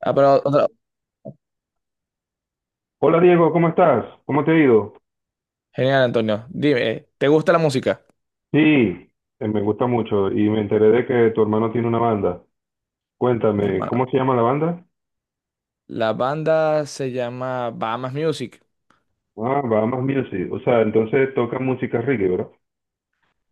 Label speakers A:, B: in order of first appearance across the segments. A: Ah, pero otra-
B: Hola Diego, ¿cómo estás? ¿Cómo te ha ido?
A: Genial, Antonio. Dime, ¿te gusta la música?
B: Sí, me gusta mucho y me enteré de que tu hermano tiene una banda.
A: Mi
B: Cuéntame,
A: hermano.
B: ¿cómo se llama la banda?
A: La banda se llama Bahamas Music.
B: Ah, Bahamas Music. O sea, entonces toca música reggae, ¿verdad?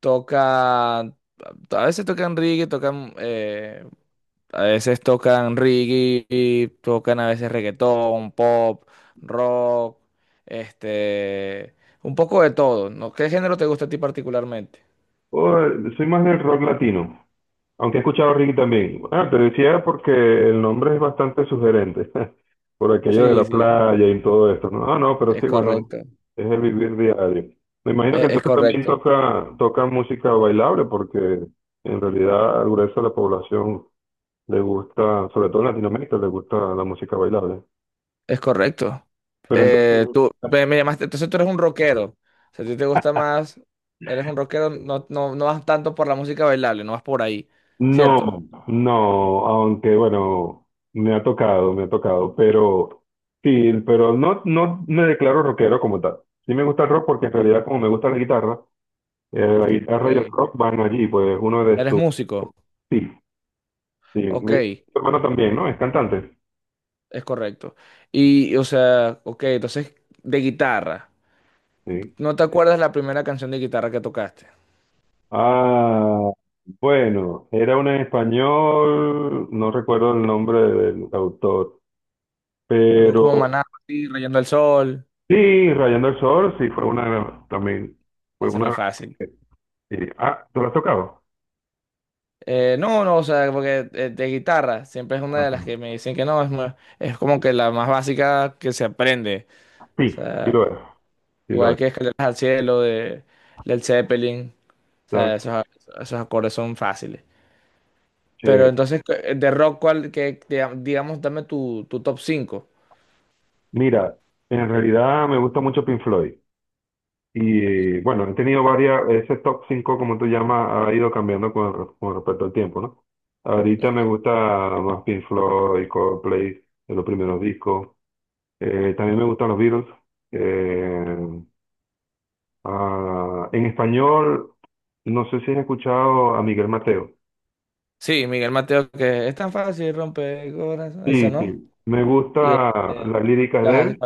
A: Toca, a veces tocan reggae, tocan, a veces tocan reggae, tocan a veces reggaetón, pop, rock, este, un poco de todo, ¿no? ¿Qué género te gusta a ti particularmente?
B: Oh, soy más del rock latino. Aunque he escuchado Ricky también. Ah, te decía porque el nombre es bastante sugerente, por aquello de la
A: Sí, sí,
B: playa y todo esto. No, ah, no, pero
A: es
B: sí, bueno,
A: correcto.
B: es el vivir diario. Me imagino que
A: Es
B: entonces también
A: correcto.
B: toca música bailable, porque en realidad al grueso de la población le gusta, sobre todo en Latinoamérica, le gusta la música bailable.
A: Es correcto.
B: Pero entonces,
A: Tú ve, me llamaste, entonces tú eres un rockero. O sea, a ti te gusta más, eres un rockero, no, no, no vas tanto por la música bailable, no vas por ahí, ¿cierto?
B: no, no, aunque bueno, me ha tocado, pero sí, pero no, no me declaro rockero como tal. Sí me gusta el rock porque en realidad como me gusta la guitarra y el
A: Ok.
B: rock van allí, pues uno de
A: Eres
B: sus...
A: músico,
B: Sí, sí,
A: ok,
B: tu hermano también, ¿no? Es cantante.
A: es correcto. Y, o sea, ok, entonces de guitarra.
B: Sí.
A: ¿No te acuerdas la primera canción de guitarra que tocaste?
B: Ah, bueno, era un español, no recuerdo el nombre del autor,
A: Algo como
B: pero
A: Maná, así, Rayando el Sol.
B: sí, Rayando el Sol, sí, fue una, también, fue
A: Ese es muy
B: una.
A: fácil.
B: Sí. Ah, ¿tú lo has tocado?
A: No, no, o sea, porque de guitarra siempre es una de las que
B: Ok.
A: me dicen que no, es, es como que la más básica que se aprende. O
B: Sí, sí
A: sea,
B: lo es, sí lo
A: igual
B: es.
A: que Escaleras al Cielo de Led Zeppelin, o sea,
B: Está
A: esos acordes son fáciles. Pero
B: chévere.
A: entonces, de rock, ¿cuál, que, digamos, dame tu top cinco.
B: Mira, en realidad me gusta mucho Pink Floyd. Y bueno, he tenido varias, ese top 5, como tú llamas, ha ido cambiando con, con respecto al tiempo, ¿no? Ahorita me
A: Ok.
B: gusta más Pink Floyd, Coldplay, de los primeros discos. También me gustan los Beatles. Eh, en español, no sé si has escuchado a Miguel Mateo.
A: Sí, Miguel Mateo, que es tan fácil, romper corazón, esa,
B: Sí,
A: ¿no?
B: sí. Me gusta
A: Y,
B: las líricas
A: ¿qué vas
B: de
A: a decir?
B: él.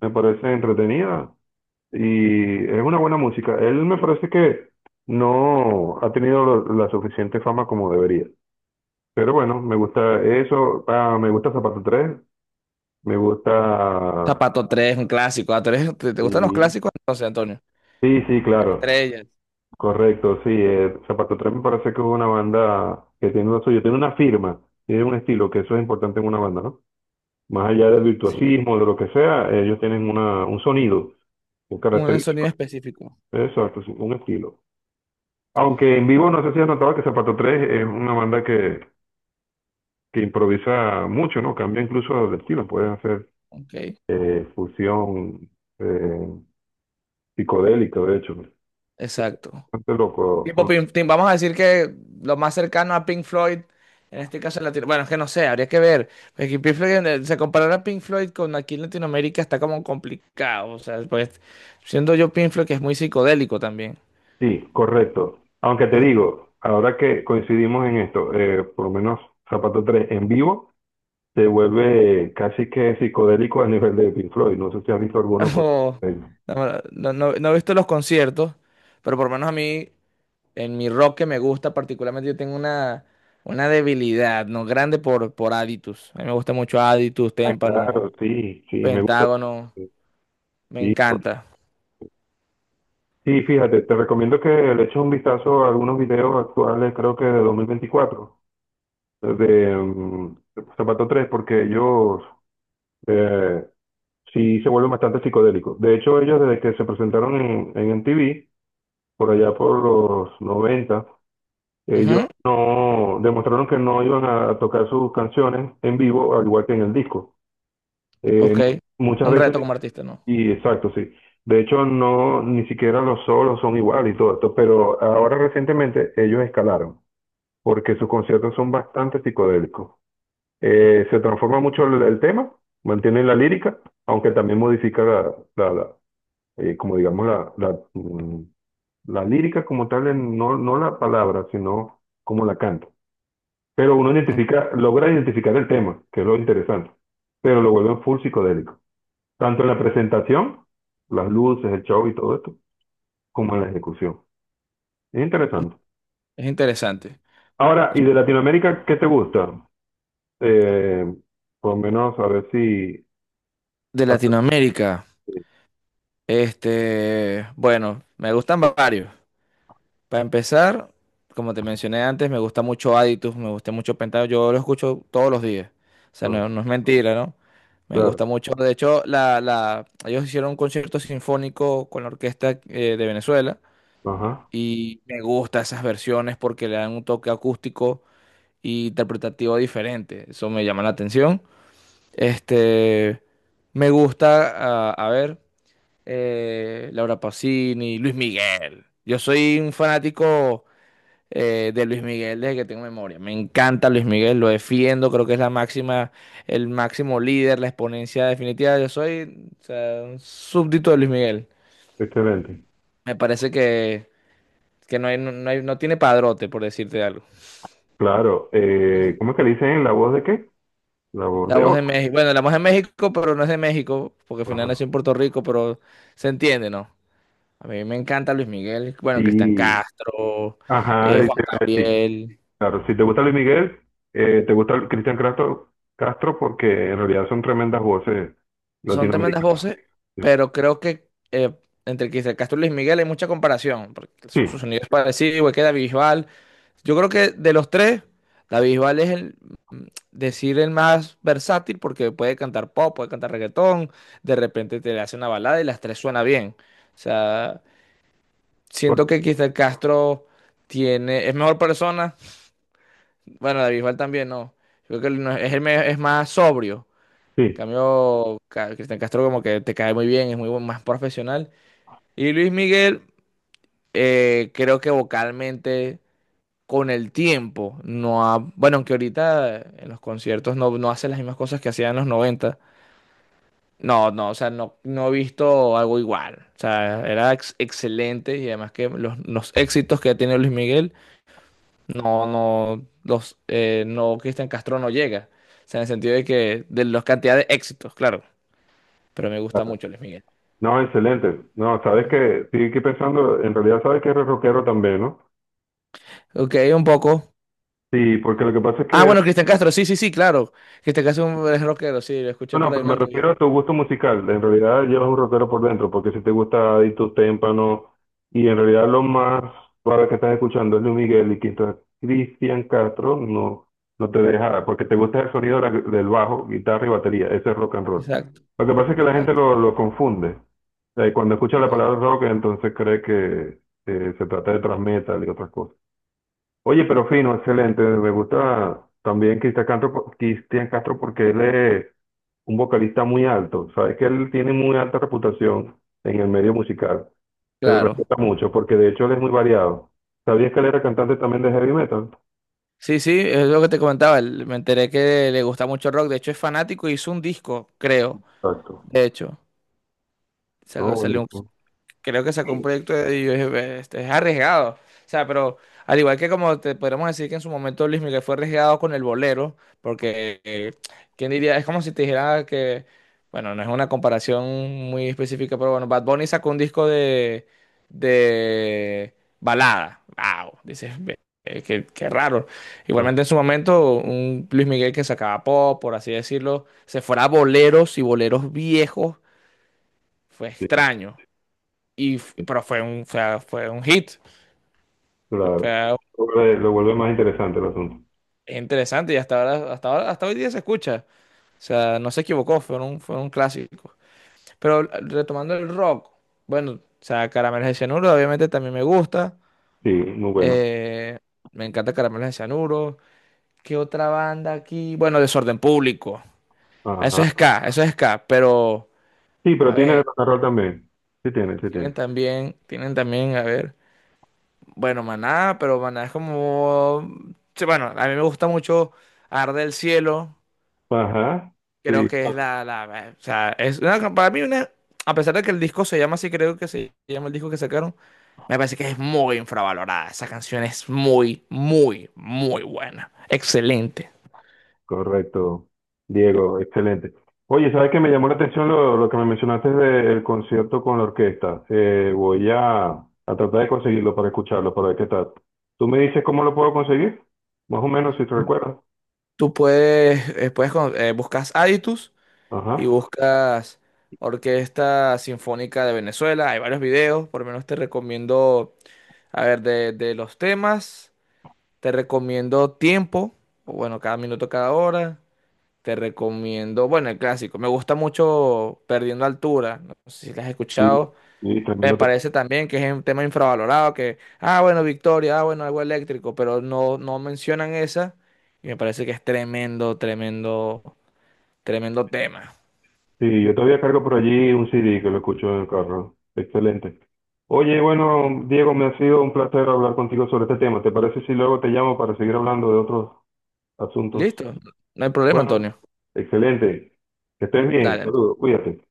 B: Me parece entretenida y es una buena música. Él me parece que no ha tenido la suficiente fama como debería. Pero bueno, me gusta eso, ah, me gusta Zapato tres, me gusta...
A: Zapato tres, un clásico. Ah, ¿te, te gustan los
B: Sí.
A: clásicos? Entonces, Antonio.
B: Sí, sí, claro,
A: Estrella.
B: correcto, sí. Zapato tres me parece que es una banda que tiene lo suyo, tiene una firma, tiene un estilo, que eso es importante en una banda, ¿no? Más allá del
A: Sí,
B: virtuosismo, de lo que sea, ellos tienen un sonido, un
A: un sonido
B: característico,
A: específico.
B: exacto, sí, un estilo. Aunque en vivo no sé si has notado que Zapato Tres es una banda que improvisa mucho, ¿no? Cambia incluso de estilo, pueden hacer
A: Ok,
B: fusión eh, psicodélica, de hecho. ¿No?
A: exacto.
B: Bastante loco.
A: Tipo, Vamos a decir que lo más cercano a Pink Floyd, en este caso en Latino, bueno, es que no sé, habría que ver. Porque Pink Floyd, se comparar a Pink Floyd con aquí en Latinoamérica está como complicado. O sea, pues, siendo yo Pink Floyd, que es muy psicodélico también.
B: Sí, correcto. Aunque te
A: Mm.
B: digo, ahora que coincidimos en esto, por lo menos Zapato Tres en vivo se vuelve casi que psicodélico a nivel de Pink Floyd. No sé si has visto algunos con...
A: O-
B: ellos.
A: no, no he visto los conciertos, pero por lo menos a mí. En mi rock que me gusta particularmente, yo tengo una debilidad, ¿no? Grande por Aditus. A mí me gusta mucho Aditus,
B: Ah,
A: Témpano,
B: claro, sí, sí, me gusta.
A: Pentágono. Me
B: Sí,
A: encanta.
B: sí, fíjate, te recomiendo que le eches un vistazo a algunos videos actuales, creo que de 2024 de Zapato Tres, porque ellos eh, sí se vuelven bastante psicodélicos. De hecho, ellos desde que se presentaron en MTV, por allá por los 90, ellos
A: Ujú,
B: no demostraron que no iban a tocar sus canciones en vivo, al igual que en el disco. Eh,
A: ok.
B: muchas
A: Un reto
B: veces
A: como artista, ¿no?
B: y exacto, sí. De hecho, no, ni siquiera los solos son iguales y todo esto, pero ahora recientemente ellos escalaron, porque sus conciertos son bastante psicodélicos. Se transforma mucho el tema, mantienen la lírica, aunque también modifica la, como digamos, la la lírica como tal, no, no la palabra, sino como la canta. Pero uno identifica, logra identificar el tema, que es lo interesante, pero lo vuelven full psicodélico. Tanto en la presentación, las luces, el show y todo esto, como en la ejecución. Es interesante.
A: Es interesante.
B: Ahora, ¿y de Latinoamérica qué te gusta? Eh, por lo menos a ver si...
A: De
B: hasta-
A: Latinoamérica, este, bueno, me gustan varios. Para empezar, como te mencioné antes, me gusta mucho Aditus, me gusta mucho Pentado, yo lo escucho todos los días. O sea,
B: ah,
A: no, no es mentira, ¿no? Me
B: claro,
A: gusta mucho. De hecho, ellos hicieron un concierto sinfónico con la orquesta de Venezuela
B: ajá,
A: y me gusta esas versiones porque le dan un toque acústico e interpretativo diferente. Eso me llama la atención. Este, me gusta, a ver, Laura Pausini, Luis Miguel. Yo soy un fanático de Luis Miguel desde que tengo memoria. Me encanta Luis Miguel, lo defiendo, creo que es la máxima, el máximo líder, la exponencia definitiva. Yo soy, o sea, un súbdito de Luis Miguel.
B: excelente.
A: Me parece que no hay, no hay- no tiene padrote, por decirte algo.
B: Claro, ¿cómo es que le dicen la voz de qué? La voz
A: La
B: de
A: voz de
B: oro.
A: México, bueno, la voz de México, pero no es de México, porque al final nació
B: Ajá.
A: en Puerto Rico, pero se entiende, ¿no? A mí me encanta Luis Miguel, bueno, Cristian
B: Sí,
A: Castro,
B: ajá, y
A: Juan
B: te iba a decir,
A: Gabriel.
B: claro, si te gusta Luis Miguel, te gusta el Cristian Castro, Castro porque en realidad son tremendas voces
A: Son tremendas
B: latinoamericanas.
A: voces,
B: Sí,
A: pero creo que entre Cristian Castro y Luis Miguel hay mucha comparación, porque
B: sí,
A: su sonido es parecido, igual que David Bisbal. Yo creo que de los tres, David Bisbal es mm, decir, el más versátil, porque puede cantar pop, puede cantar reggaetón, de repente te le hace una balada y las tres suena bien. O sea, siento que Cristian Castro tiene, es mejor persona, bueno, David Bisbal también, no. Yo creo que es, es más sobrio
B: sí,
A: cambio, Cristian Castro como que te cae muy bien, es más profesional. Y Luis Miguel, creo que vocalmente con el tiempo no ha, bueno, aunque ahorita en los conciertos no, no hace las mismas cosas que hacía en los noventa. No, no, o sea, no, no he visto algo igual. O sea, era excelente y además que los éxitos que ha tenido Luis Miguel, no, no, no, Cristian Castro no llega. O sea, en el sentido de que de la cantidad de éxitos, claro. Pero me gusta
B: claro.
A: mucho Luis Miguel.
B: No, excelente. No, sabes que, sí, aquí pensando, en realidad sabes que eres rockero también, ¿no?
A: Ok, un poco.
B: Sí, porque lo que pasa es
A: Ah,
B: que
A: bueno, Cristian Castro, sí, sí, sí, claro. Cristian Castro es rockero, sí, lo
B: no,
A: escuché por
B: no,
A: ahí
B: pero
A: en una
B: me refiero
A: entrevista.
B: a tu gusto musical. En realidad llevas un rockero por dentro, porque si te gusta Adictus Témpano, y en realidad lo más para que estás escuchando es Luis Miguel y quizás Cristian Castro, no, no te deja, porque te gusta el sonido de del bajo, guitarra y batería. Ese es rock and roll.
A: Exacto,
B: Lo que pasa es que la gente
A: exacto.
B: lo confunde. O sea, y cuando escucha la
A: Eh,
B: palabra rock, entonces cree que se trata de thrash metal y otras cosas. Oye, pero fino, excelente. Me gusta también Cristian Castro, Cristian Castro porque él es un vocalista muy alto. Sabes que él tiene muy alta reputación en el medio musical. Se le
A: claro.
B: respeta mucho porque de hecho él es muy variado. ¿Sabías que él era cantante también de heavy metal?
A: Sí, sí, es lo que te comentaba. Me enteré que le gusta mucho el rock. De hecho, es fanático y hizo un disco, creo.
B: Exacto.
A: De hecho,
B: No,
A: salió,
B: buenísimo.
A: creo que sacó un
B: Sí.
A: proyecto de y yo dije, este es arriesgado. O sea, pero al igual que como te podríamos decir que en su momento Luis Miguel fue arriesgado con el bolero, porque quién diría, es como si te dijera que, bueno, no es una comparación muy específica, pero bueno, Bad Bunny sacó un disco de balada. Wow, dices, ve, qué, qué raro.
B: Ah,
A: Igualmente en su momento, un Luis Miguel que sacaba pop, por así decirlo, se fuera a boleros y boleros viejos, fue
B: sí,
A: extraño. Y,
B: sí,
A: pero fue un, fue, fue un hit, fue
B: claro.
A: algo
B: Lo vuelve, lo vuelve más interesante el asunto.
A: interesante y hasta ahora, hasta ahora, hasta hoy día se escucha. O sea, no se equivocó, fue un clásico. Pero retomando el rock, bueno, o sea, Caramelos de Cianuro obviamente también me gusta.
B: Sí, muy bueno.
A: Eh, me encanta Caramelos de Cianuro. ¿Qué otra banda aquí? Bueno, Desorden Público.
B: Ajá.
A: Eso es ska, pero
B: Sí, pero
A: a
B: tiene de
A: ver,
B: rock and roll también. Sí tiene, sí tiene.
A: tienen también, a ver. Bueno, Maná, pero Maná es como... sí, bueno, a mí me gusta mucho Arde el Cielo.
B: Ajá.
A: Creo
B: Sí.
A: que es la... o sea, es una- para mí una... A pesar de que el disco se llama así, creo que se llama el disco que sacaron, me parece que es muy infravalorada. Esa canción es muy, muy, muy buena. Excelente.
B: Correcto, Diego, excelente. Oye, ¿sabes qué me llamó la atención lo que me mencionaste del concierto con la orquesta? Voy a tratar de conseguirlo para escucharlo, para ver qué tal. ¿Tú me dices cómo lo puedo conseguir? Más o menos, si te recuerdas.
A: Tú puedes, puedes buscas Aditus y
B: Ajá.
A: buscas Orquesta Sinfónica de Venezuela. Hay varios videos, por lo menos te recomiendo. A ver, de los temas, te recomiendo tiempo, o bueno, cada minuto, cada hora. Te recomiendo, bueno, el clásico. Me gusta mucho Perdiendo Altura. No sé si la has
B: Sí,
A: escuchado.
B: sí,
A: Me
B: tremendo tema.
A: parece también que es un tema infravalorado, que, ah, bueno, Victoria, ah, bueno, algo eléctrico, pero no, no mencionan esa. Y me parece que es tremendo, tremendo, tremendo tema.
B: Sí, yo todavía cargo por allí un CD que lo escucho en el carro. Excelente. Oye,
A: Y-
B: bueno, Diego, me ha sido un placer hablar contigo sobre este tema. ¿Te parece si luego te llamo para seguir hablando de otros asuntos?
A: Listo. No hay problema,
B: Bueno,
A: Antonio.
B: excelente. Que estés bien.
A: Dale, entonces.
B: Saludos. Cuídate.